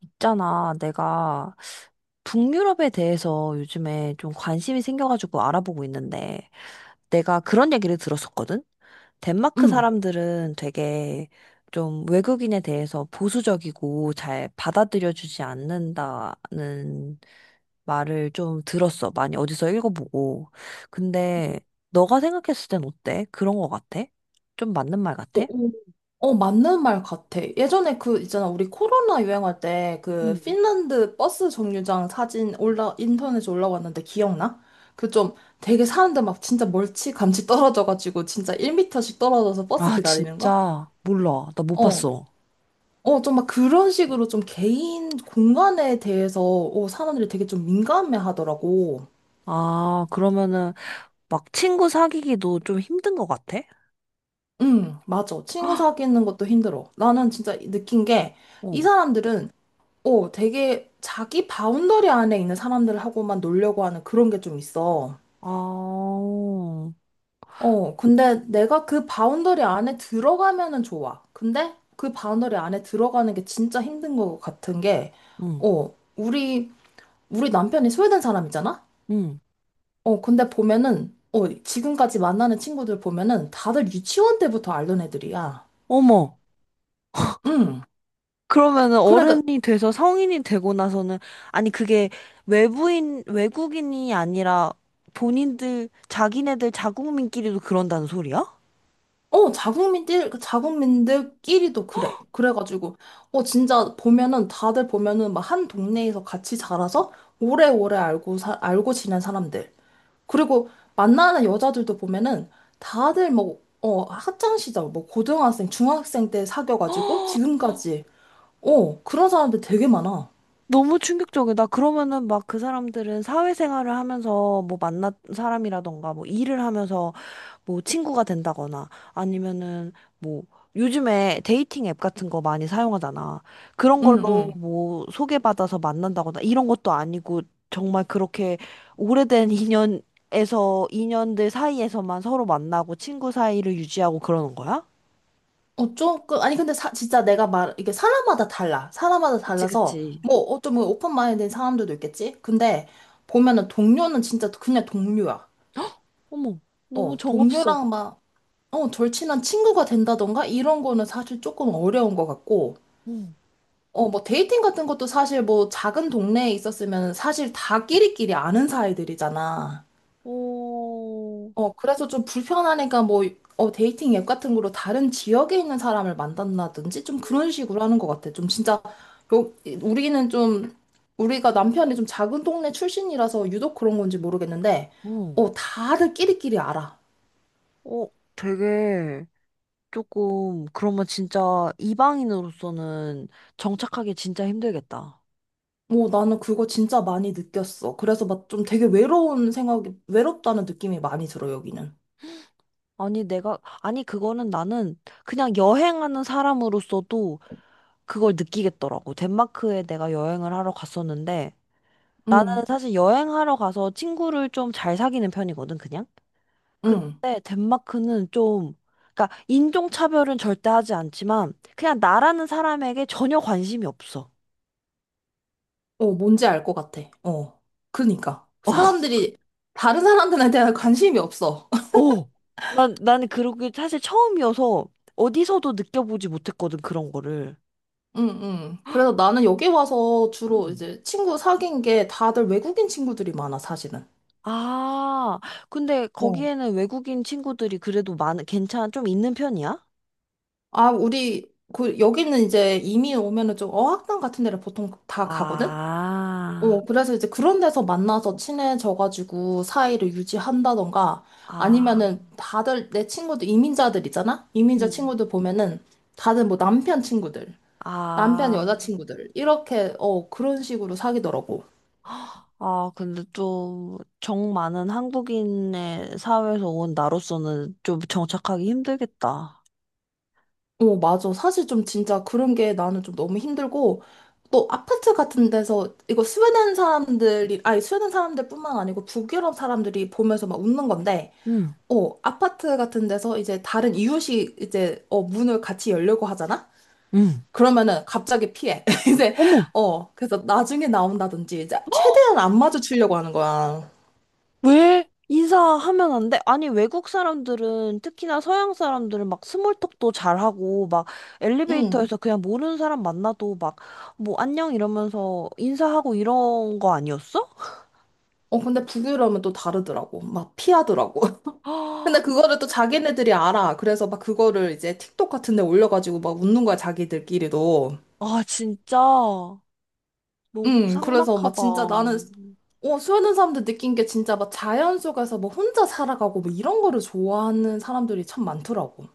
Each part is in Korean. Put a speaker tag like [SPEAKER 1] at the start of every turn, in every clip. [SPEAKER 1] 있잖아, 내가 북유럽에 대해서 요즘에 좀 관심이 생겨가지고 알아보고 있는데, 내가 그런 얘기를 들었었거든? 덴마크
[SPEAKER 2] 음.
[SPEAKER 1] 사람들은 되게 좀 외국인에 대해서 보수적이고 잘 받아들여주지 않는다는 말을 좀 들었어. 많이 어디서 읽어보고. 근데 너가 생각했을 땐 어때? 그런 거 같아? 좀 맞는 말
[SPEAKER 2] 어,
[SPEAKER 1] 같아?
[SPEAKER 2] 어. 어, 맞는 말 같아. 예전에 그, 있잖아, 우리 코로나 유행할 때 그
[SPEAKER 1] 음.
[SPEAKER 2] 핀란드 버스 정류장 사진 인터넷에 올라왔는데 기억나? 그 좀 되게 사는데 막 진짜 멀찌감치 떨어져가지고 진짜 1미터씩 떨어져서 버스
[SPEAKER 1] 아,
[SPEAKER 2] 기다리는 거?
[SPEAKER 1] 진짜 몰라. 나 못
[SPEAKER 2] 어.
[SPEAKER 1] 봤어.
[SPEAKER 2] 어, 좀 막 그런 식으로 좀 개인 공간에 대해서 사람들이 되게 좀 민감해 하더라고.
[SPEAKER 1] 아, 그러면은 막 친구 사귀기도 좀 힘든 것 같아?
[SPEAKER 2] 응, 맞아. 친구 사귀는 것도 힘들어. 나는 진짜 느낀 게 이
[SPEAKER 1] 어.
[SPEAKER 2] 사람들은 되게 자기 바운더리 안에 있는 사람들하고만 놀려고 하는 그런 게 좀 있어.
[SPEAKER 1] 아,
[SPEAKER 2] 근데 내가 그 바운더리 안에 들어가면은 좋아. 근데 그 바운더리 안에 들어가는 게 진짜 힘든 것 같은 게,
[SPEAKER 1] 응,
[SPEAKER 2] 어, 우리, 우리 남편이 스웨덴 사람이잖아?
[SPEAKER 1] 응.
[SPEAKER 2] 근데 지금까지 만나는 친구들 보면은 다들 유치원 때부터 알던 애들이야.
[SPEAKER 1] 어머.
[SPEAKER 2] 응.
[SPEAKER 1] 그러면은
[SPEAKER 2] 그러니까
[SPEAKER 1] 어른이 돼서 성인이 되고 나서는 아니 그게 외부인 외국인이 아니라 본인들 자기네들 자국민끼리도 그런다는 소리야?
[SPEAKER 2] 그 자국민들끼리도 그래. 그래가지고, 진짜 보면은, 다들 보면은 막 한 동네에서 같이 자라서 오래오래 알고 지낸 사람들. 그리고 만나는 여자들도 보면은, 다들 뭐, 학창시절, 뭐, 고등학생, 중학생 때 사귀어가지고, 지금까지, 그런 사람들 되게 많아.
[SPEAKER 1] 너무 충격적이다. 그러면은 막 그 사람들은 사회생활을 하면서 뭐 만난 사람이라던가 뭐 일을 하면서 뭐 친구가 된다거나 아니면은 뭐 요즘에 데이팅 앱 같은 거 많이 사용하잖아. 그런
[SPEAKER 2] 응,
[SPEAKER 1] 걸로
[SPEAKER 2] 응.
[SPEAKER 1] 뭐 소개받아서 만난다거나 이런 것도 아니고 정말 그렇게 오래된 인연에서 인연들 사이에서만 서로 만나고 친구 사이를 유지하고 그러는 거야?
[SPEAKER 2] 조금, 아니, 근데 진짜 이게 사람마다 달라. 사람마다
[SPEAKER 1] 그치,
[SPEAKER 2] 달라서,
[SPEAKER 1] 그치.
[SPEAKER 2] 뭐, 어쩌면 오픈 마인드인 사람들도 있겠지? 근데, 보면은 동료는 진짜 그냥 동료야.
[SPEAKER 1] 어머, 너무
[SPEAKER 2] 어,
[SPEAKER 1] 정없어.
[SPEAKER 2] 동료랑 막, 절친한 친구가 된다던가? 이런 거는 사실 조금 어려운 것 같고,
[SPEAKER 1] 응.
[SPEAKER 2] 뭐, 데이팅 같은 것도 사실 뭐, 작은 동네에 있었으면 사실 다 끼리끼리 아는 사이들이잖아.
[SPEAKER 1] 어,
[SPEAKER 2] 그래서 좀 불편하니까 뭐, 데이팅 앱 같은 거로 다른 지역에 있는 사람을 만난다든지 좀 그런 식으로 하는 것 같아. 요, 우리는 좀, 우리가 남편이 좀 작은 동네 출신이라서 유독 그런 건지 모르겠는데,
[SPEAKER 1] 응.
[SPEAKER 2] 다들 끼리끼리 알아.
[SPEAKER 1] 어, 되게 조금 그러면 진짜 이방인으로서는 정착하기 진짜 힘들겠다.
[SPEAKER 2] 뭐 나는 그거 진짜 많이 느꼈어. 그래서 막 좀 되게 외롭다는 느낌이 많이 들어, 여기는.
[SPEAKER 1] 아니 내가 아니 그거는 나는 그냥 여행하는 사람으로서도 그걸 느끼겠더라고. 덴마크에 내가 여행을 하러 갔었는데 나는
[SPEAKER 2] 응,
[SPEAKER 1] 사실 여행하러 가서 친구를 좀 잘 사귀는 편이거든 그냥.
[SPEAKER 2] 응.
[SPEAKER 1] 근데 덴마크는 좀 그러니까 인종차별은 절대 하지 않지만 그냥 나라는 사람에게 전혀 관심이 없어.
[SPEAKER 2] 뭔지 알 것 같아. 어. 그러니까. 다른 사람들에 대한 관심이 없어.
[SPEAKER 1] 오, 나는 그러게 사실 처음이어서 어디서도 느껴보지 못했거든, 그런 거를.
[SPEAKER 2] 응응. 그래서 나는 여기 와서 주로
[SPEAKER 1] 음.
[SPEAKER 2] 이제 친구 사귄 게 다들 외국인 친구들이 많아, 사실은.
[SPEAKER 1] 아, 근데
[SPEAKER 2] 어.
[SPEAKER 1] 거기에는 외국인 친구들이 그래도 괜찮 좀 있는 편이야?
[SPEAKER 2] 아, 여기는 이제 이민 오면은 좀 어학당 같은 데를 보통 다 가거든?
[SPEAKER 1] 아,
[SPEAKER 2] 그래서 이제 그런 데서 만나서 친해져가지고 사이를 유지한다던가
[SPEAKER 1] 아,
[SPEAKER 2] 아니면은 다들 내 친구들, 이민자들 있잖아? 이민자
[SPEAKER 1] 음.
[SPEAKER 2] 친구들 보면은 다들 뭐 남편 친구들, 남편
[SPEAKER 1] 아,
[SPEAKER 2] 여자 친구들, 이렇게, 그런 식으로 사귀더라고.
[SPEAKER 1] 아, 근데 좀 정 많은 한국인의 사회에서 온 나로서는 좀 정착하기 힘들겠다.
[SPEAKER 2] 어, 맞아. 사실 좀 진짜 그런 게 나는 좀 너무 힘들고, 또 아파트 같은 데서 이거 스웨덴 사람들이, 아니, 스웨덴 사람들뿐만 아니고 북유럽 사람들이 보면서 막 웃는 건데,
[SPEAKER 1] 응,
[SPEAKER 2] 아파트 같은 데서 이제 다른 이웃이 이제, 문을 같이 열려고 하잖아?
[SPEAKER 1] 응.
[SPEAKER 2] 그러면은 갑자기 피해.
[SPEAKER 1] 어머,
[SPEAKER 2] 그래서 나중에 나온다든지, 이제 최대한 안 마주치려고 하는 거야.
[SPEAKER 1] 왜? 인사하면 안 돼? 아니, 외국 사람들은, 특히나 서양 사람들은 막 스몰톡도 잘하고, 막
[SPEAKER 2] 응.
[SPEAKER 1] 엘리베이터에서 그냥 모르는 사람 만나도 막, 뭐, 안녕 이러면서 인사하고 이런 거 아니었어?
[SPEAKER 2] 근데 북유럽은 또 다르더라고. 막 피하더라고. 근데 그거를 또 자기네들이 알아. 그래서 막 그거를 이제 틱톡 같은 데 올려가지고 막 웃는 거야, 자기들끼리도.
[SPEAKER 1] 아, 진짜. 너무
[SPEAKER 2] 그래서 막
[SPEAKER 1] 삭막하다.
[SPEAKER 2] 진짜 나는, 수많은 사람들 느낀 게 진짜 막 자연 속에서 뭐 혼자 살아가고 뭐 이런 거를 좋아하는 사람들이 참 많더라고.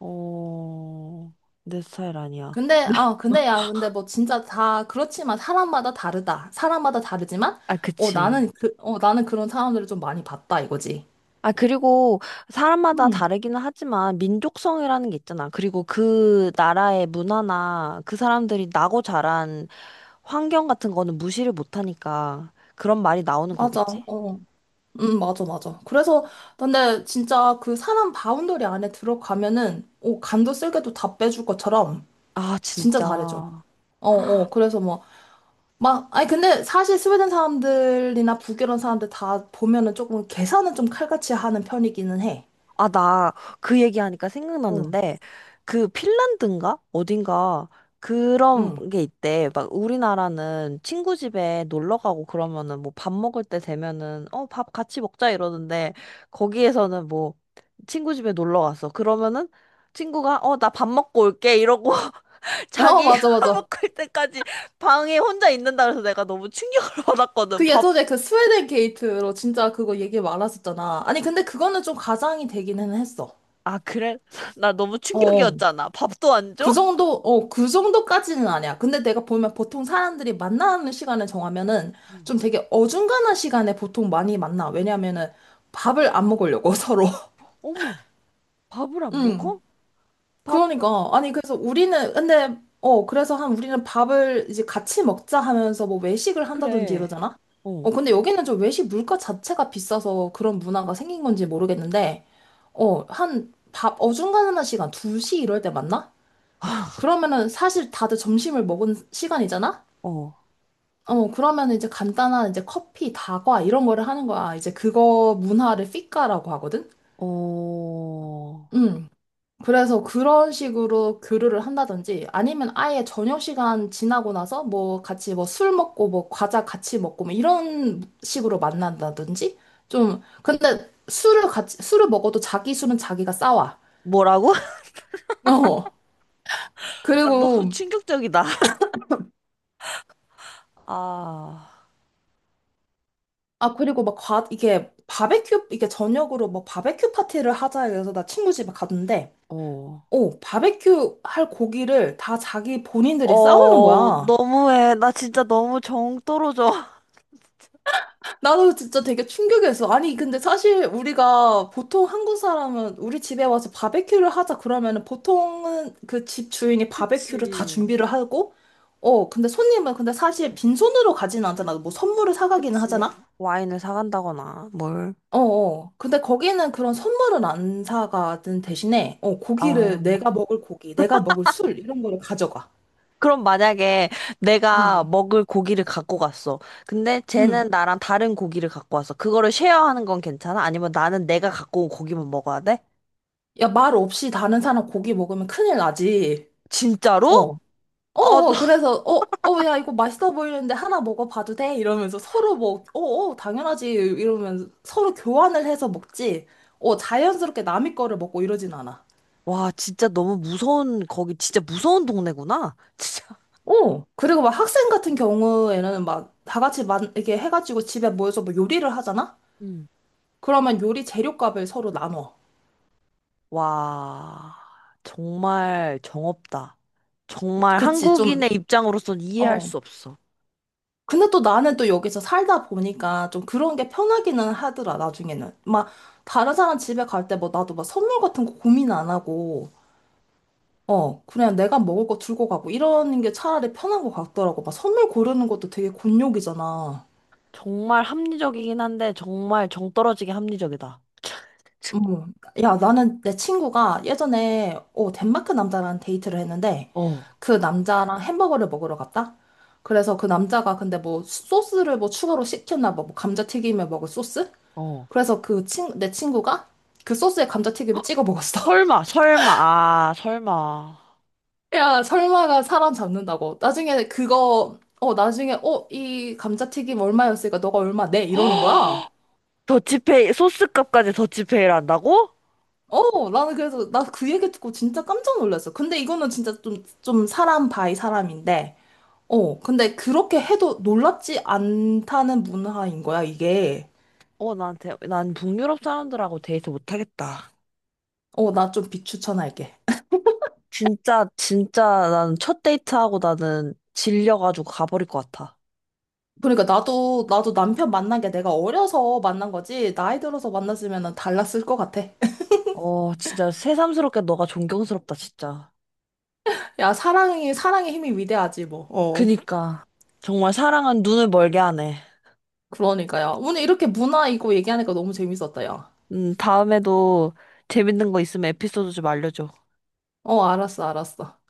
[SPEAKER 1] 어, 내 스타일 아니야.
[SPEAKER 2] 근데, 아, 근데 야, 근데 뭐 진짜 다 그렇지만 사람마다 다르다. 사람마다 다르지만,
[SPEAKER 1] 아,
[SPEAKER 2] 어,
[SPEAKER 1] 그치.
[SPEAKER 2] 나는 그런 사람들을 좀 많이 봤다, 이거지.
[SPEAKER 1] 아, 그리고 사람마다
[SPEAKER 2] 음,
[SPEAKER 1] 다르기는 하지만 민족성이라는 게 있잖아. 그리고 그 나라의 문화나 그 사람들이 나고 자란 환경 같은 거는 무시를 못 하니까 그런 말이 나오는
[SPEAKER 2] 맞아.
[SPEAKER 1] 거겠지?
[SPEAKER 2] 어. 맞아, 맞아. 그래서, 근데 진짜 그 사람 바운더리 안에 들어가면은, 간도 쓸게도 다 빼줄 것처럼
[SPEAKER 1] 아,
[SPEAKER 2] 진짜 잘해줘.
[SPEAKER 1] 진짜.
[SPEAKER 2] 그래서 뭐, 막, 아니, 근데 사실 스웨덴 사람들이나 북이런 사람들 다 보면은 조금 계산은 좀 칼같이 하는 편이기는 해.
[SPEAKER 1] 아, 나 그 얘기하니까
[SPEAKER 2] 어.
[SPEAKER 1] 생각났는데, 그 핀란드인가? 어딘가? 그런
[SPEAKER 2] 응.
[SPEAKER 1] 게 있대. 막 우리나라는 친구 집에 놀러 가고 그러면은 뭐 밥 먹을 때 되면은 어, 밥 같이 먹자 이러는데, 거기에서는 뭐 친구 집에 놀러 갔어. 그러면은 친구가 어, 나 밥 먹고 올게 이러고
[SPEAKER 2] 어,
[SPEAKER 1] 자기
[SPEAKER 2] 맞아, 맞아.
[SPEAKER 1] 먹을 때까지 방에 혼자 있는다 그래서 내가 너무 충격을 받았거든.
[SPEAKER 2] 그
[SPEAKER 1] 밥,
[SPEAKER 2] 예전에 그 스웨덴 게이트로 진짜 그거 얘기 많았었잖아. 아니, 근데 그거는 좀 가장이 되기는 했어.
[SPEAKER 1] 아, 그래? 나 너무
[SPEAKER 2] 어.
[SPEAKER 1] 충격이었잖아. 밥도 안 줘?
[SPEAKER 2] 그 정도까지는 아니야. 근데 내가 보면 보통 사람들이 만나는 시간을 정하면은
[SPEAKER 1] 음.
[SPEAKER 2] 좀 되게 어중간한 시간에 보통 많이 만나. 왜냐면은 밥을 안 먹으려고 서로.
[SPEAKER 1] 어머. 밥을 안 먹어?
[SPEAKER 2] 응.
[SPEAKER 1] 밥을,
[SPEAKER 2] 그러니까. 아니, 그래서 그래서 한 우리는 밥을 이제 같이 먹자 하면서 뭐 외식을 한다든지
[SPEAKER 1] 그래.
[SPEAKER 2] 이러잖아?
[SPEAKER 1] 어,
[SPEAKER 2] 근데 여기는 좀 외식 물가 자체가 비싸서 그런 문화가 생긴 건지 모르겠는데, 한 밥 어중간한 시간, 2시 이럴 때 만나? 그러면은 사실 다들 점심을 먹은 시간이잖아?
[SPEAKER 1] 어,
[SPEAKER 2] 그러면 이제 간단한 이제 커피, 다과 이런 거를 하는 거야. 이제 그거 문화를 피카라고 하거든?
[SPEAKER 1] 어.
[SPEAKER 2] 음. 그래서 그런 식으로 교류를 한다든지 아니면 아예 저녁 시간 지나고 나서 뭐 같이 뭐 술 먹고 뭐 과자 같이 먹고 뭐 이런 식으로 만난다든지 좀 근데 술을 같이 술을 먹어도 자기 술은 자기가 싸와.
[SPEAKER 1] 뭐라고?
[SPEAKER 2] 어.
[SPEAKER 1] 아, 너무
[SPEAKER 2] 그리고
[SPEAKER 1] 충격적이다. 아,
[SPEAKER 2] 아, 그리고 막 이게 저녁으로 뭐 바베큐 파티를 하자 해서 나 친구 집에 갔는데,
[SPEAKER 1] 어.
[SPEAKER 2] 오, 바베큐 할 고기를 다 자기 본인들이 싸우는
[SPEAKER 1] 어,
[SPEAKER 2] 거야.
[SPEAKER 1] 너무해. 나 진짜 너무 정 떨어져.
[SPEAKER 2] 나도 진짜 되게 충격이었어. 아니, 근데 사실 우리가 보통 한국 사람은 우리 집에 와서 바베큐를 하자 그러면은 보통은 그 집 주인이
[SPEAKER 1] 그치.
[SPEAKER 2] 바베큐를 다 준비를 하고, 근데 손님은 근데 사실 빈손으로 가지는 않잖아. 뭐 선물을 사가기는
[SPEAKER 1] 그치.
[SPEAKER 2] 하잖아.
[SPEAKER 1] 와인을 사간다거나, 뭘.
[SPEAKER 2] 어어. 근데 거기는 그런 선물은 안 사가든 대신에,
[SPEAKER 1] 아,
[SPEAKER 2] 고기를, 내가 먹을 고기, 내가 먹을 술, 이런 거를 가져가.
[SPEAKER 1] 그럼 만약에 내가
[SPEAKER 2] 응.
[SPEAKER 1] 먹을 고기를 갖고 갔어. 근데
[SPEAKER 2] 응.
[SPEAKER 1] 쟤는 나랑 다른 고기를 갖고 왔어. 그거를 쉐어하는 건 괜찮아? 아니면 나는 내가 갖고 온 고기만 먹어야 돼?
[SPEAKER 2] 야, 말 없이 다른 사람 고기 먹으면 큰일 나지.
[SPEAKER 1] 진짜로?
[SPEAKER 2] 어.
[SPEAKER 1] 아,
[SPEAKER 2] 어어. 그래서, 야, 이거 맛있어 보이는데 하나 먹어봐도 돼? 이러면서 서로 뭐, 어어, 당연하지. 이러면서 서로 교환을 해서 먹지. 자연스럽게 남의 거를 먹고 이러진 않아.
[SPEAKER 1] 와, 진짜 너무 무서운, 거기 진짜 무서운 동네구나. 진짜.
[SPEAKER 2] 그리고 막 학생 같은 경우에는 막 이렇게 해가지고 집에 모여서 뭐 요리를 하잖아?
[SPEAKER 1] 음.
[SPEAKER 2] 그러면 요리 재료값을 서로 나눠.
[SPEAKER 1] 와, 정말 정없다. 정말
[SPEAKER 2] 그치, 좀,
[SPEAKER 1] 한국인의 입장으로선 이해할
[SPEAKER 2] 어.
[SPEAKER 1] 수 없어.
[SPEAKER 2] 근데 또 나는 또 여기서 살다 보니까 좀 그런 게 편하기는 하더라, 나중에는. 막, 다른 사람 집에 갈 때 뭐 나도 막 선물 같은 거 고민 안 하고, 그냥 내가 먹을 거 들고 가고, 이러는 게 차라리 편한 것 같더라고. 막 선물 고르는 것도 되게 곤욕이잖아.
[SPEAKER 1] 정말 합리적이긴 한데, 정말 정떨어지게 합리적이다.
[SPEAKER 2] 어머, 야, 나는 내 친구가 예전에 덴마크 남자랑 데이트를 했는데
[SPEAKER 1] 어,
[SPEAKER 2] 그 남자랑 햄버거를 먹으러 갔다? 그래서 그 남자가 근데 뭐 소스를 뭐 추가로 시켰나 봐. 뭐 감자튀김에 먹을 소스?
[SPEAKER 1] 어.
[SPEAKER 2] 그래서 내 친구가 그 소스에 감자튀김을 찍어 먹었어.
[SPEAKER 1] 설마, 설마, 아, 설마.
[SPEAKER 2] 야, 설마가 사람 잡는다고. 나중에 나중에, 이 감자튀김 얼마였으니까 너가 얼마 내? 이러는 거야.
[SPEAKER 1] 더치페이, 소스값까지 더치페이를 한다고?
[SPEAKER 2] 나는 그래서 나 그 얘기 듣고 진짜 깜짝 놀랐어. 근데 이거는 진짜 좀, 좀 사람 바이 사람인데, 근데 그렇게 해도 놀랍지 않다는 문화인 거야, 이게.
[SPEAKER 1] 어, 나한테, 난 북유럽 사람들하고 데이트 못하겠다.
[SPEAKER 2] 어, 나 좀 비추천할게.
[SPEAKER 1] 진짜, 진짜 나는 첫 데이트하고 나는 질려가지고 가버릴 것 같아.
[SPEAKER 2] 그러니까 나도 남편 만난 게 내가 어려서 만난 거지, 나이 들어서 만났으면 달랐을 것 같아.
[SPEAKER 1] 어, 진짜 새삼스럽게 너가 존경스럽다, 진짜.
[SPEAKER 2] 야, 사랑의 힘이 위대하지, 뭐.
[SPEAKER 1] 그니까. 정말 사랑은 눈을 멀게 하네.
[SPEAKER 2] 그러니까요. 오늘 이렇게 문화 이거 얘기하니까 너무 재밌었다, 야.
[SPEAKER 1] 다음에도 재밌는 거 있으면 에피소드 좀 알려줘.
[SPEAKER 2] 어, 알았어, 알았어.